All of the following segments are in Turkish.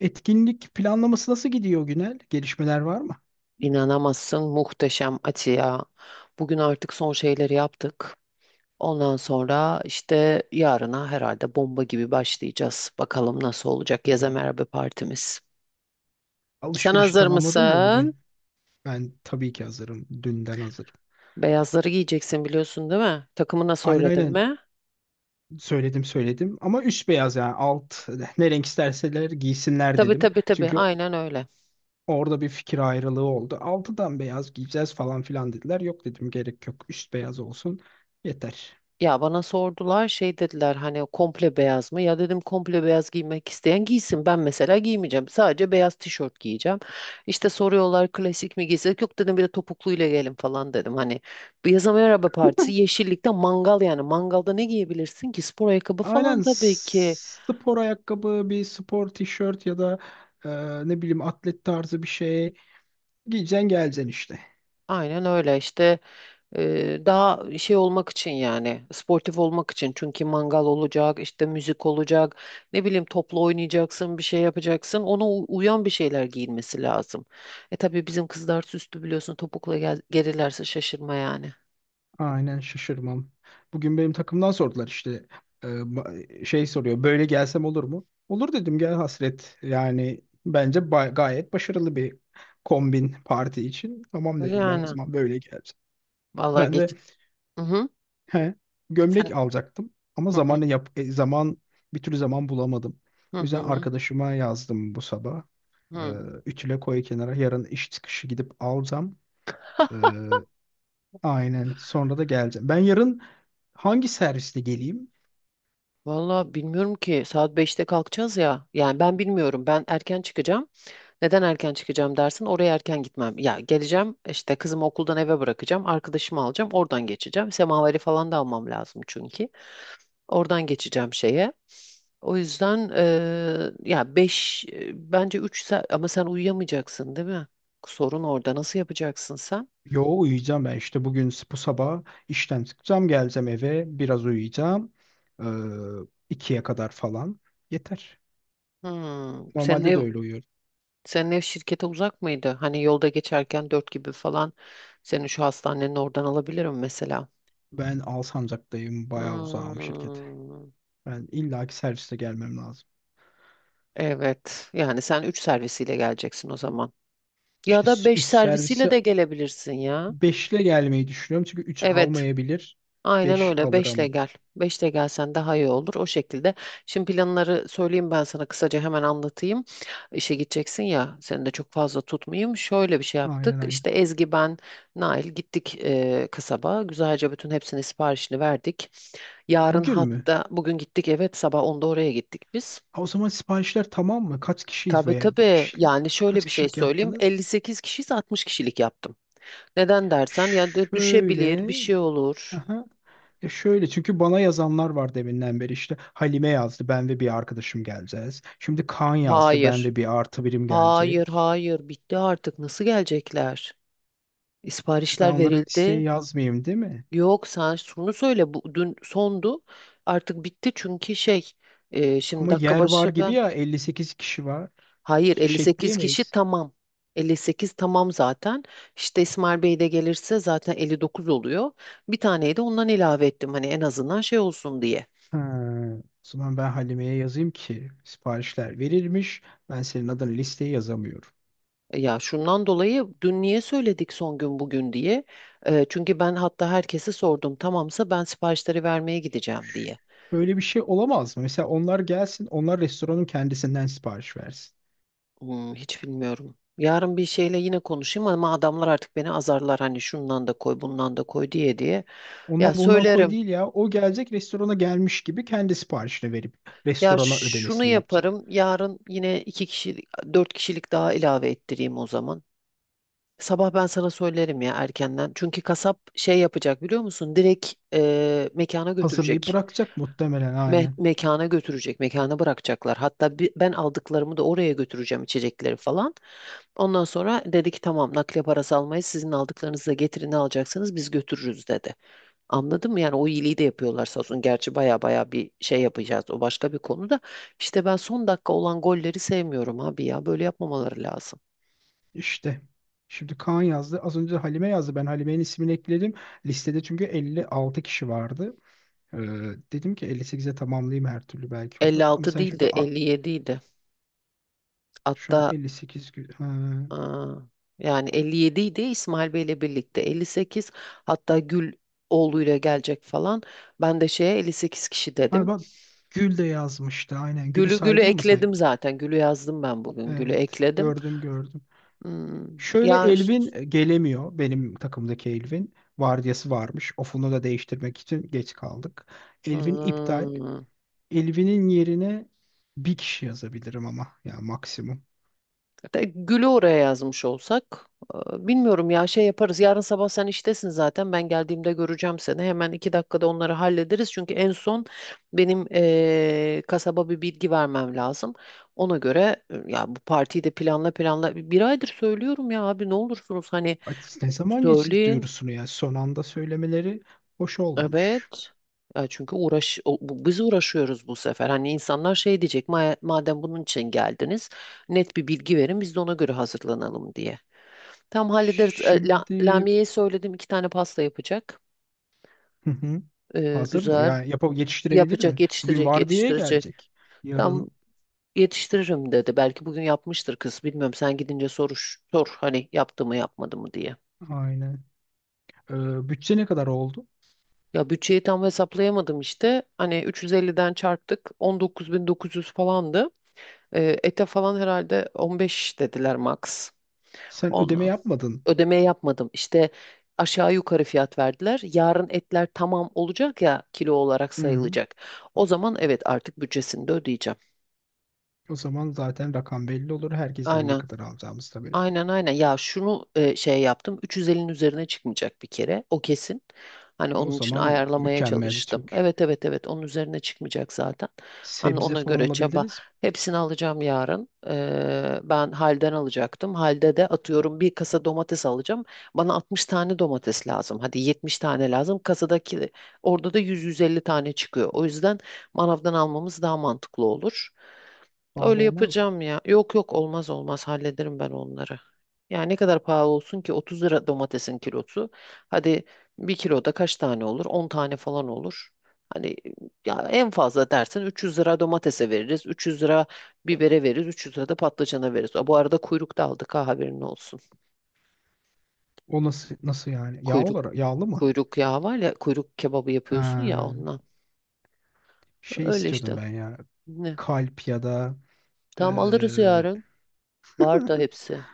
Etkinlik planlaması nasıl gidiyor Günel? Gelişmeler var mı? İnanamazsın muhteşem Ati ya. Bugün artık son şeyleri yaptık. Ondan sonra işte yarına herhalde bomba gibi başlayacağız. Bakalım nasıl olacak yaza merhaba partimiz. Sen Alışverişi hazır tamamladın mı mısın? bugün? Ben tabii ki hazırım. Dünden hazırım. Beyazları giyeceksin biliyorsun değil mi? Takımı nasıl Aynen söyledim aynen, mi? söyledim söyledim ama üst beyaz, yani alt ne renk isterseler giysinler Tabii dedim. tabii tabii, Çünkü aynen öyle. orada bir fikir ayrılığı oldu. Altıdan beyaz giyeceğiz falan filan dediler. Yok dedim, gerek yok. Üst beyaz olsun. Yeter. Ya bana sordular şey dediler, hani komple beyaz mı? Ya dedim komple beyaz giymek isteyen giysin. Ben mesela giymeyeceğim. Sadece beyaz tişört giyeceğim. İşte soruyorlar klasik mi giysek? Yok dedim, bir de topukluyla gelin falan dedim. Hani bir yaza merhaba partisi yeşillikte mangal yani. Mangalda ne giyebilirsin ki? Spor ayakkabı Aynen, falan tabii ki. Spor ayakkabı, bir spor tişört ya da e, ne bileyim atlet tarzı bir şey giyeceksin geleceksin işte. Aynen öyle işte. Daha şey olmak için, yani sportif olmak için, çünkü mangal olacak işte, müzik olacak, ne bileyim topla oynayacaksın, bir şey yapacaksın, ona uyan bir şeyler giyinmesi lazım. E tabii bizim kızlar süslü biliyorsun, topukla gelirlerse şaşırma yani. Aynen, şaşırmam. Bugün benim takımdan sordular, işte şey soruyor, böyle gelsem olur mu? Olur dedim, gel hasret. Yani bence ba- gayet başarılı bir kombin parti için. Tamam dedi, ben o Yani zaman böyle geleceğim. vallahi Ben de geç. Hı hı. he, Sen. gömlek alacaktım ama Hı hı, zamanı yap zaman bir türlü zaman bulamadım. hı O yüzden hı. arkadaşıma yazdım bu sabah. E, Hı. Ütüle koy kenara, yarın iş çıkışı gidip alacağım. E, aynen, sonra da geleceğim. Ben yarın hangi servisle geleyim? Vallahi bilmiyorum ki, saat 5'te kalkacağız ya, yani ben bilmiyorum, ben erken çıkacağım. Neden erken çıkacağım dersin? Oraya erken gitmem. Ya geleceğim işte, kızımı okuldan eve bırakacağım. Arkadaşımı alacağım. Oradan geçeceğim. Semaveri falan da almam lazım çünkü. Oradan geçeceğim şeye. O yüzden ya beş, bence 3 saat, ama sen uyuyamayacaksın değil mi? Sorun orada. Nasıl yapacaksın sen? Yo, uyuyacağım ben. İşte bugün bu sabah işten çıkacağım, geleceğim eve, biraz uyuyacağım ee, ikiye kadar falan, yeter. Hmm, senin Normalde ev de öyle uyuyorum. senin ev şirkete uzak mıydı? Hani yolda geçerken 4 gibi falan seni şu hastanenin oradan alabilirim mesela. Ben Alsancak'tayım, bayağı uzağım şirkete. Hmm. Ben illaki serviste gelmem lazım. Evet. Yani sen 3 servisiyle geleceksin o zaman. Ya İşte da 5 3 servisiyle servisi de gelebilirsin ya. 5 ile gelmeyi düşünüyorum çünkü üç Evet. almayabilir, Aynen 5 öyle. 5'le alırım. gel. 5'le gelsen daha iyi olur. O şekilde. Şimdi planları söyleyeyim, ben sana kısaca hemen anlatayım. İşe gideceksin ya. Seni de çok fazla tutmayayım. Şöyle bir şey yaptık. Aynen aynen. İşte Ezgi, ben, Nail gittik kasaba. Güzelce bütün hepsinin siparişini verdik. Yarın, Bugün mü? hatta bugün gittik, evet, sabah 10'da oraya gittik biz. Ha, o zaman siparişler tamam mı? Kaç kişiyiz Tabii veya tabii. kişilik? Yani şöyle Kaç bir şey kişilik söyleyeyim. yaptınız? 58 kişiyiz, 60 kişilik yaptım. Neden dersen, ya da düşebilir, Şöyle. bir şey olur. Aha. E şöyle, çünkü bana yazanlar var deminden beri. İşte Halime yazdı, ben ve bir arkadaşım geleceğiz. Şimdi Kaan yazdı, ben Hayır. ve bir artı birim Hayır gelecek. hayır, bitti artık, nasıl gelecekler? Ben Siparişler onlara listeyi verildi. yazmayayım değil mi? Yok sen şunu söyle, bu dün sondu. Artık bitti çünkü şey, şimdi Ama dakika yer var başı gibi ben... ya, 58 kişi var. Hayır, İki kişi 58 kişi ekleyemeyiz. tamam. 58 tamam zaten. İşte İsmail Bey de gelirse zaten 59 oluyor. Bir taneyi de ondan ilave ettim, hani en azından şey olsun diye. Ha, o zaman ben Halime'ye yazayım ki siparişler verilmiş. Ben senin adına listeye yazamıyorum. Ya şundan dolayı dün niye söyledik son gün bugün diye. Çünkü ben hatta herkese sordum, tamamsa ben siparişleri vermeye gideceğim diye. Böyle bir şey olamaz mı? Mesela onlar gelsin, onlar restoranın kendisinden sipariş versin. Hiç bilmiyorum. Yarın bir şeyle yine konuşayım, ama adamlar artık beni azarlar, hani şundan da koy, bundan da koy diye diye. Ya Ondan bundan koy söylerim. değil ya. O gelecek, restorana gelmiş gibi kendi siparişini verip Ya restorana şunu ödemesini yapacak. yaparım. Yarın yine 2 kişilik, 4 kişilik daha ilave ettireyim o zaman. Sabah ben sana söylerim ya erkenden. Çünkü kasap şey yapacak biliyor musun? Direkt mekana Hazırlayıp götürecek. bırakacak muhtemelen, aynen. Mekana götürecek. Mekana bırakacaklar. Hatta ben aldıklarımı da oraya götüreceğim, içecekleri falan. Ondan sonra dedi ki tamam, nakliye parası almayız. Sizin aldıklarınızı da getirin, ne alacaksınız biz götürürüz dedi. Anladın mı? Yani o iyiliği de yapıyorlar sağ olsun. Gerçi baya baya bir şey yapacağız. O başka bir konuda. İşte ben son dakika olan golleri sevmiyorum abi ya. Böyle yapmamaları lazım. İşte. Şimdi Kaan yazdı. Az önce Halime yazdı. Ben Halime'nin ismini ekledim listede, çünkü 56 kişi vardı. Ee, dedim ki 58'e tamamlayayım, her türlü belki olur. Ama 56 sen değil şimdi de at, 57 idi. şu an Hatta 58 gül. Ha. aa, yani 57 idi İsmail Bey ile birlikte. 58, hatta Gül oğluyla gelecek falan. Ben de şeye 58 kişi Ha dedim. bak, Gül de yazmıştı. Aynen. Gül'ü Gül'ü saydın mı sen? ekledim zaten. Gül'ü yazdım ben bugün. Gül'ü Evet. ekledim. Gördüm gördüm. Hmm, Şöyle, ya Elvin gelemiyor. Benim takımdaki Elvin. Vardiyası varmış. Ofunu da değiştirmek için geç kaldık. Elvin iptal. hmm, Elvin'in yerine bir kişi yazabilirim ama. Ya maksimum. hatta Gül'ü oraya yazmış olsak. Bilmiyorum ya, şey yaparız. Yarın sabah sen iştesin zaten. Ben geldiğimde göreceğim seni. Hemen 2 dakikada onları hallederiz. Çünkü en son benim kasaba bir bilgi vermem lazım. Ona göre ya bu partiyi de planla planla. Bir aydır söylüyorum ya abi, ne olursunuz, hani Ay, ne zaman geçtik söyleyin. duyurusunu ya. Son anda söylemeleri hoş olmamış. Evet. Ya çünkü uğraş biz uğraşıyoruz bu sefer. Hani insanlar şey diyecek: Madem bunun için geldiniz, net bir bilgi verin, biz de ona göre hazırlanalım" diye. Tam hallederiz. Şimdi... Lamiye'ye söyledim, 2 tane pasta yapacak. Hazır mı? Güzel. Yani yapıp yetiştirebilir mi? Yapacak, Bugün yetiştirecek, vardiyaya yetiştirecek. gelecek. Tam Yarın yetiştiririm dedi. Belki bugün yapmıştır kız. Bilmiyorum, sen gidince sor hani yaptı mı yapmadı mı diye. aynen. Bütçe ne kadar oldu? Ya bütçeyi tam hesaplayamadım işte. Hani 350'den çarptık. 19.900 falandı. Ete falan herhalde 15 dediler max. Sen ödeme On, yapmadın. Ödeme yapmadım. İşte aşağı yukarı fiyat verdiler. Yarın etler tamam olacak ya, kilo olarak Hı. sayılacak. O zaman evet, artık bütçesini de ödeyeceğim. O zaman zaten rakam belli olur. Herkesten ne Aynen. kadar alacağımız da belli. Aynen aynen. Ya şunu şey yaptım. 350'nin üzerine çıkmayacak bir kere. O kesin. Hani O onun için zaman ayarlamaya mükemmel, çalıştım. çünkü Evet evet evet, onun üzerine çıkmayacak zaten. Hani sebze ona falan göre çaba. alabiliriz. Hepsini alacağım yarın. Ben halden alacaktım. Halde de atıyorum bir kasa domates alacağım. Bana 60 tane domates lazım. Hadi 70 tane lazım. Kasadaki, orada da 100-150 tane çıkıyor. O yüzden manavdan almamız daha mantıklı olur. Pahalı Öyle olmaz mı? yapacağım ya. Yok yok, olmaz olmaz, hallederim ben onları. Yani ne kadar pahalı olsun ki, 30 lira domatesin kilosu. Hadi bir kiloda kaç tane olur? 10 tane falan olur. Hani ya en fazla dersin 300 lira domatese veririz. 300 lira bibere veririz. 300 lira da patlıcana veririz. Bu arada kuyruk da aldık, ha, haberin olsun. O nasıl nasıl yani? Yağ Kuyruk olarak yağlı mı? Kuyruk yağı var ya, kuyruk kebabı Ha, yapıyorsun ya, ondan. şey Öyle istiyordum işte. ben ya. Ne? Kalp ya da Tamam, alırız eee, yarın. Var da hepsi.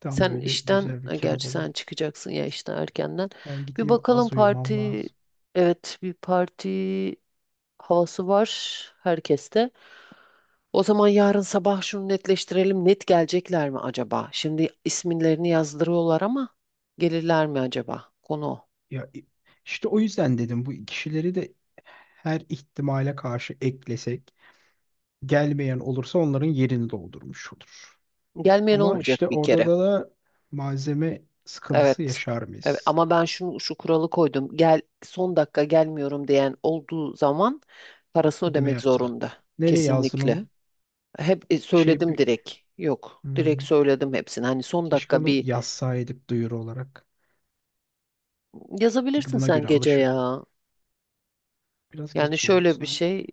tam böyle güzel bir kebap Gerçi sen alayım. çıkacaksın ya işten erkenden. Ben Bir gideyim, bakalım, az uyumam lazım. evet, bir parti havası var herkeste. O zaman yarın sabah şunu netleştirelim. Net gelecekler mi acaba? Şimdi isimlerini yazdırıyorlar ama gelirler mi acaba? Konu o. Ya i- işte o yüzden dedim, bu kişileri de her ihtimale karşı eklesek, gelmeyen olursa onların yerini doldurmuş olur. Gelmeyen Ama işte olmayacak bir orada kere. da malzeme sıkıntısı Evet. yaşar Evet mıyız? ama ben şu kuralı koydum. Gel son dakika gelmiyorum diyen olduğu zaman parası Ödeme ödemek yaptık. zorunda. Nereye yazdın Kesinlikle. onu? Hep Bir şey söyledim bir, direkt. Yok. Direkt hmm, söyledim hepsini. Hani son keşke dakika onu bir... yazsaydık duyuru olarak. Çünkü Yazabilirsin buna sen göre gece alışır. ya. Biraz Yani geç oldu şöyle bir sanki. şey.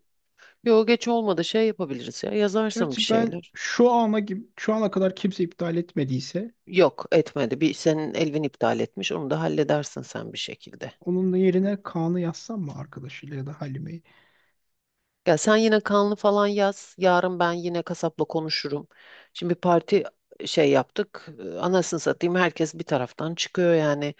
Yok geç olmadı, şey yapabiliriz ya. Yazarsın bir Gerçi ben şeyler. Şu ana kadar kimse iptal etmediyse, Yok etmedi. Bir senin Elvin iptal etmiş. Onu da halledersin sen bir şekilde. onun yerine Kaan'ı yazsam mı arkadaşıyla ya da Halime'yi? Ya sen yine kanlı falan yaz. Yarın ben yine kasapla konuşurum. Şimdi parti şey yaptık. Anasını satayım, herkes bir taraftan çıkıyor yani.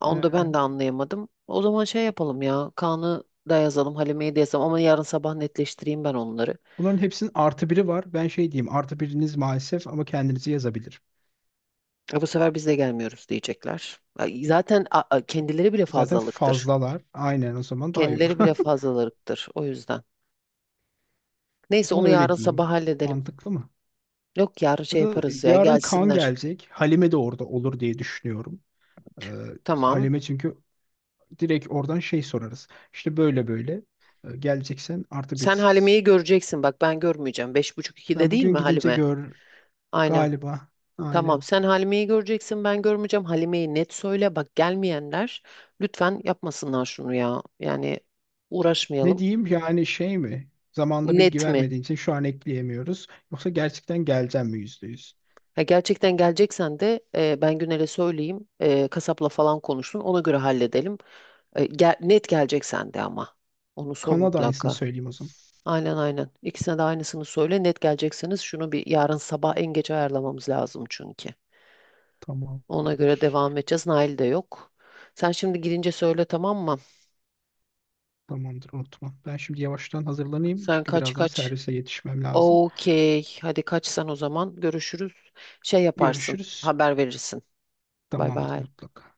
Onu da Ee, ben de anlayamadım. O zaman şey yapalım ya. Kaan'ı da yazalım, Halime'yi de yazalım, ama yarın sabah netleştireyim ben onları. Bunların hepsinin artı biri var. Ben şey diyeyim, artı biriniz maalesef, ama kendinizi yazabilir. E bu sefer biz de gelmiyoruz diyecekler. Ay, zaten kendileri bile Zaten fazlalıktır. fazlalar. Aynen, o zaman daha iyi olur. Kendileri bile fazlalıktır o yüzden. O Neyse zaman onu yarın öyle sabah diyeyim. halledelim. Mantıklı mı? Yok yarın Ya şey da yaparız ya, yarın Kaan gelsinler. gelecek. Halime de orada olur diye düşünüyorum. Ee, Tamam. Halime çünkü direkt oradan şey sorarız. İşte böyle böyle. Geleceksen artı Sen birisiz. Halime'yi göreceksin bak, ben görmeyeceğim. Beş buçuk ikide Ben değil bugün mi gidince Halime? gör Aynen. galiba. Tamam, Aynen. sen Halime'yi göreceksin, ben görmeyeceğim. Halime'yi net söyle bak, gelmeyenler lütfen yapmasınlar şunu ya. Yani Ne uğraşmayalım. diyeyim yani, şey mi? Zamanda bilgi Net mi? vermediğin için şu an ekleyemiyoruz. Yoksa gerçekten geleceğim mi, yüzde yüz? Ha, gerçekten geleceksen de, ben Güner'e söyleyeyim. Kasapla falan konuşsun, ona göre halledelim. Net geleceksen de ama. Onu sor Kanada aynısını mutlaka. söyleyeyim o zaman. Aynen aynen. İkisine de aynısını söyle. Net gelecekseniz şunu bir yarın sabah en geç ayarlamamız lazım çünkü. Ona göre Tamamdır. devam edeceğiz. Nail de yok. Sen şimdi girince söyle, tamam mı? Tamamdır, unutma. Ben şimdi yavaştan hazırlanayım, Sen çünkü kaç birazdan kaç? servise yetişmem lazım. Okey. Hadi kaçsan o zaman. Görüşürüz. Şey yaparsın. Görüşürüz. Haber verirsin. Bay Tamamdır bay. mutlaka.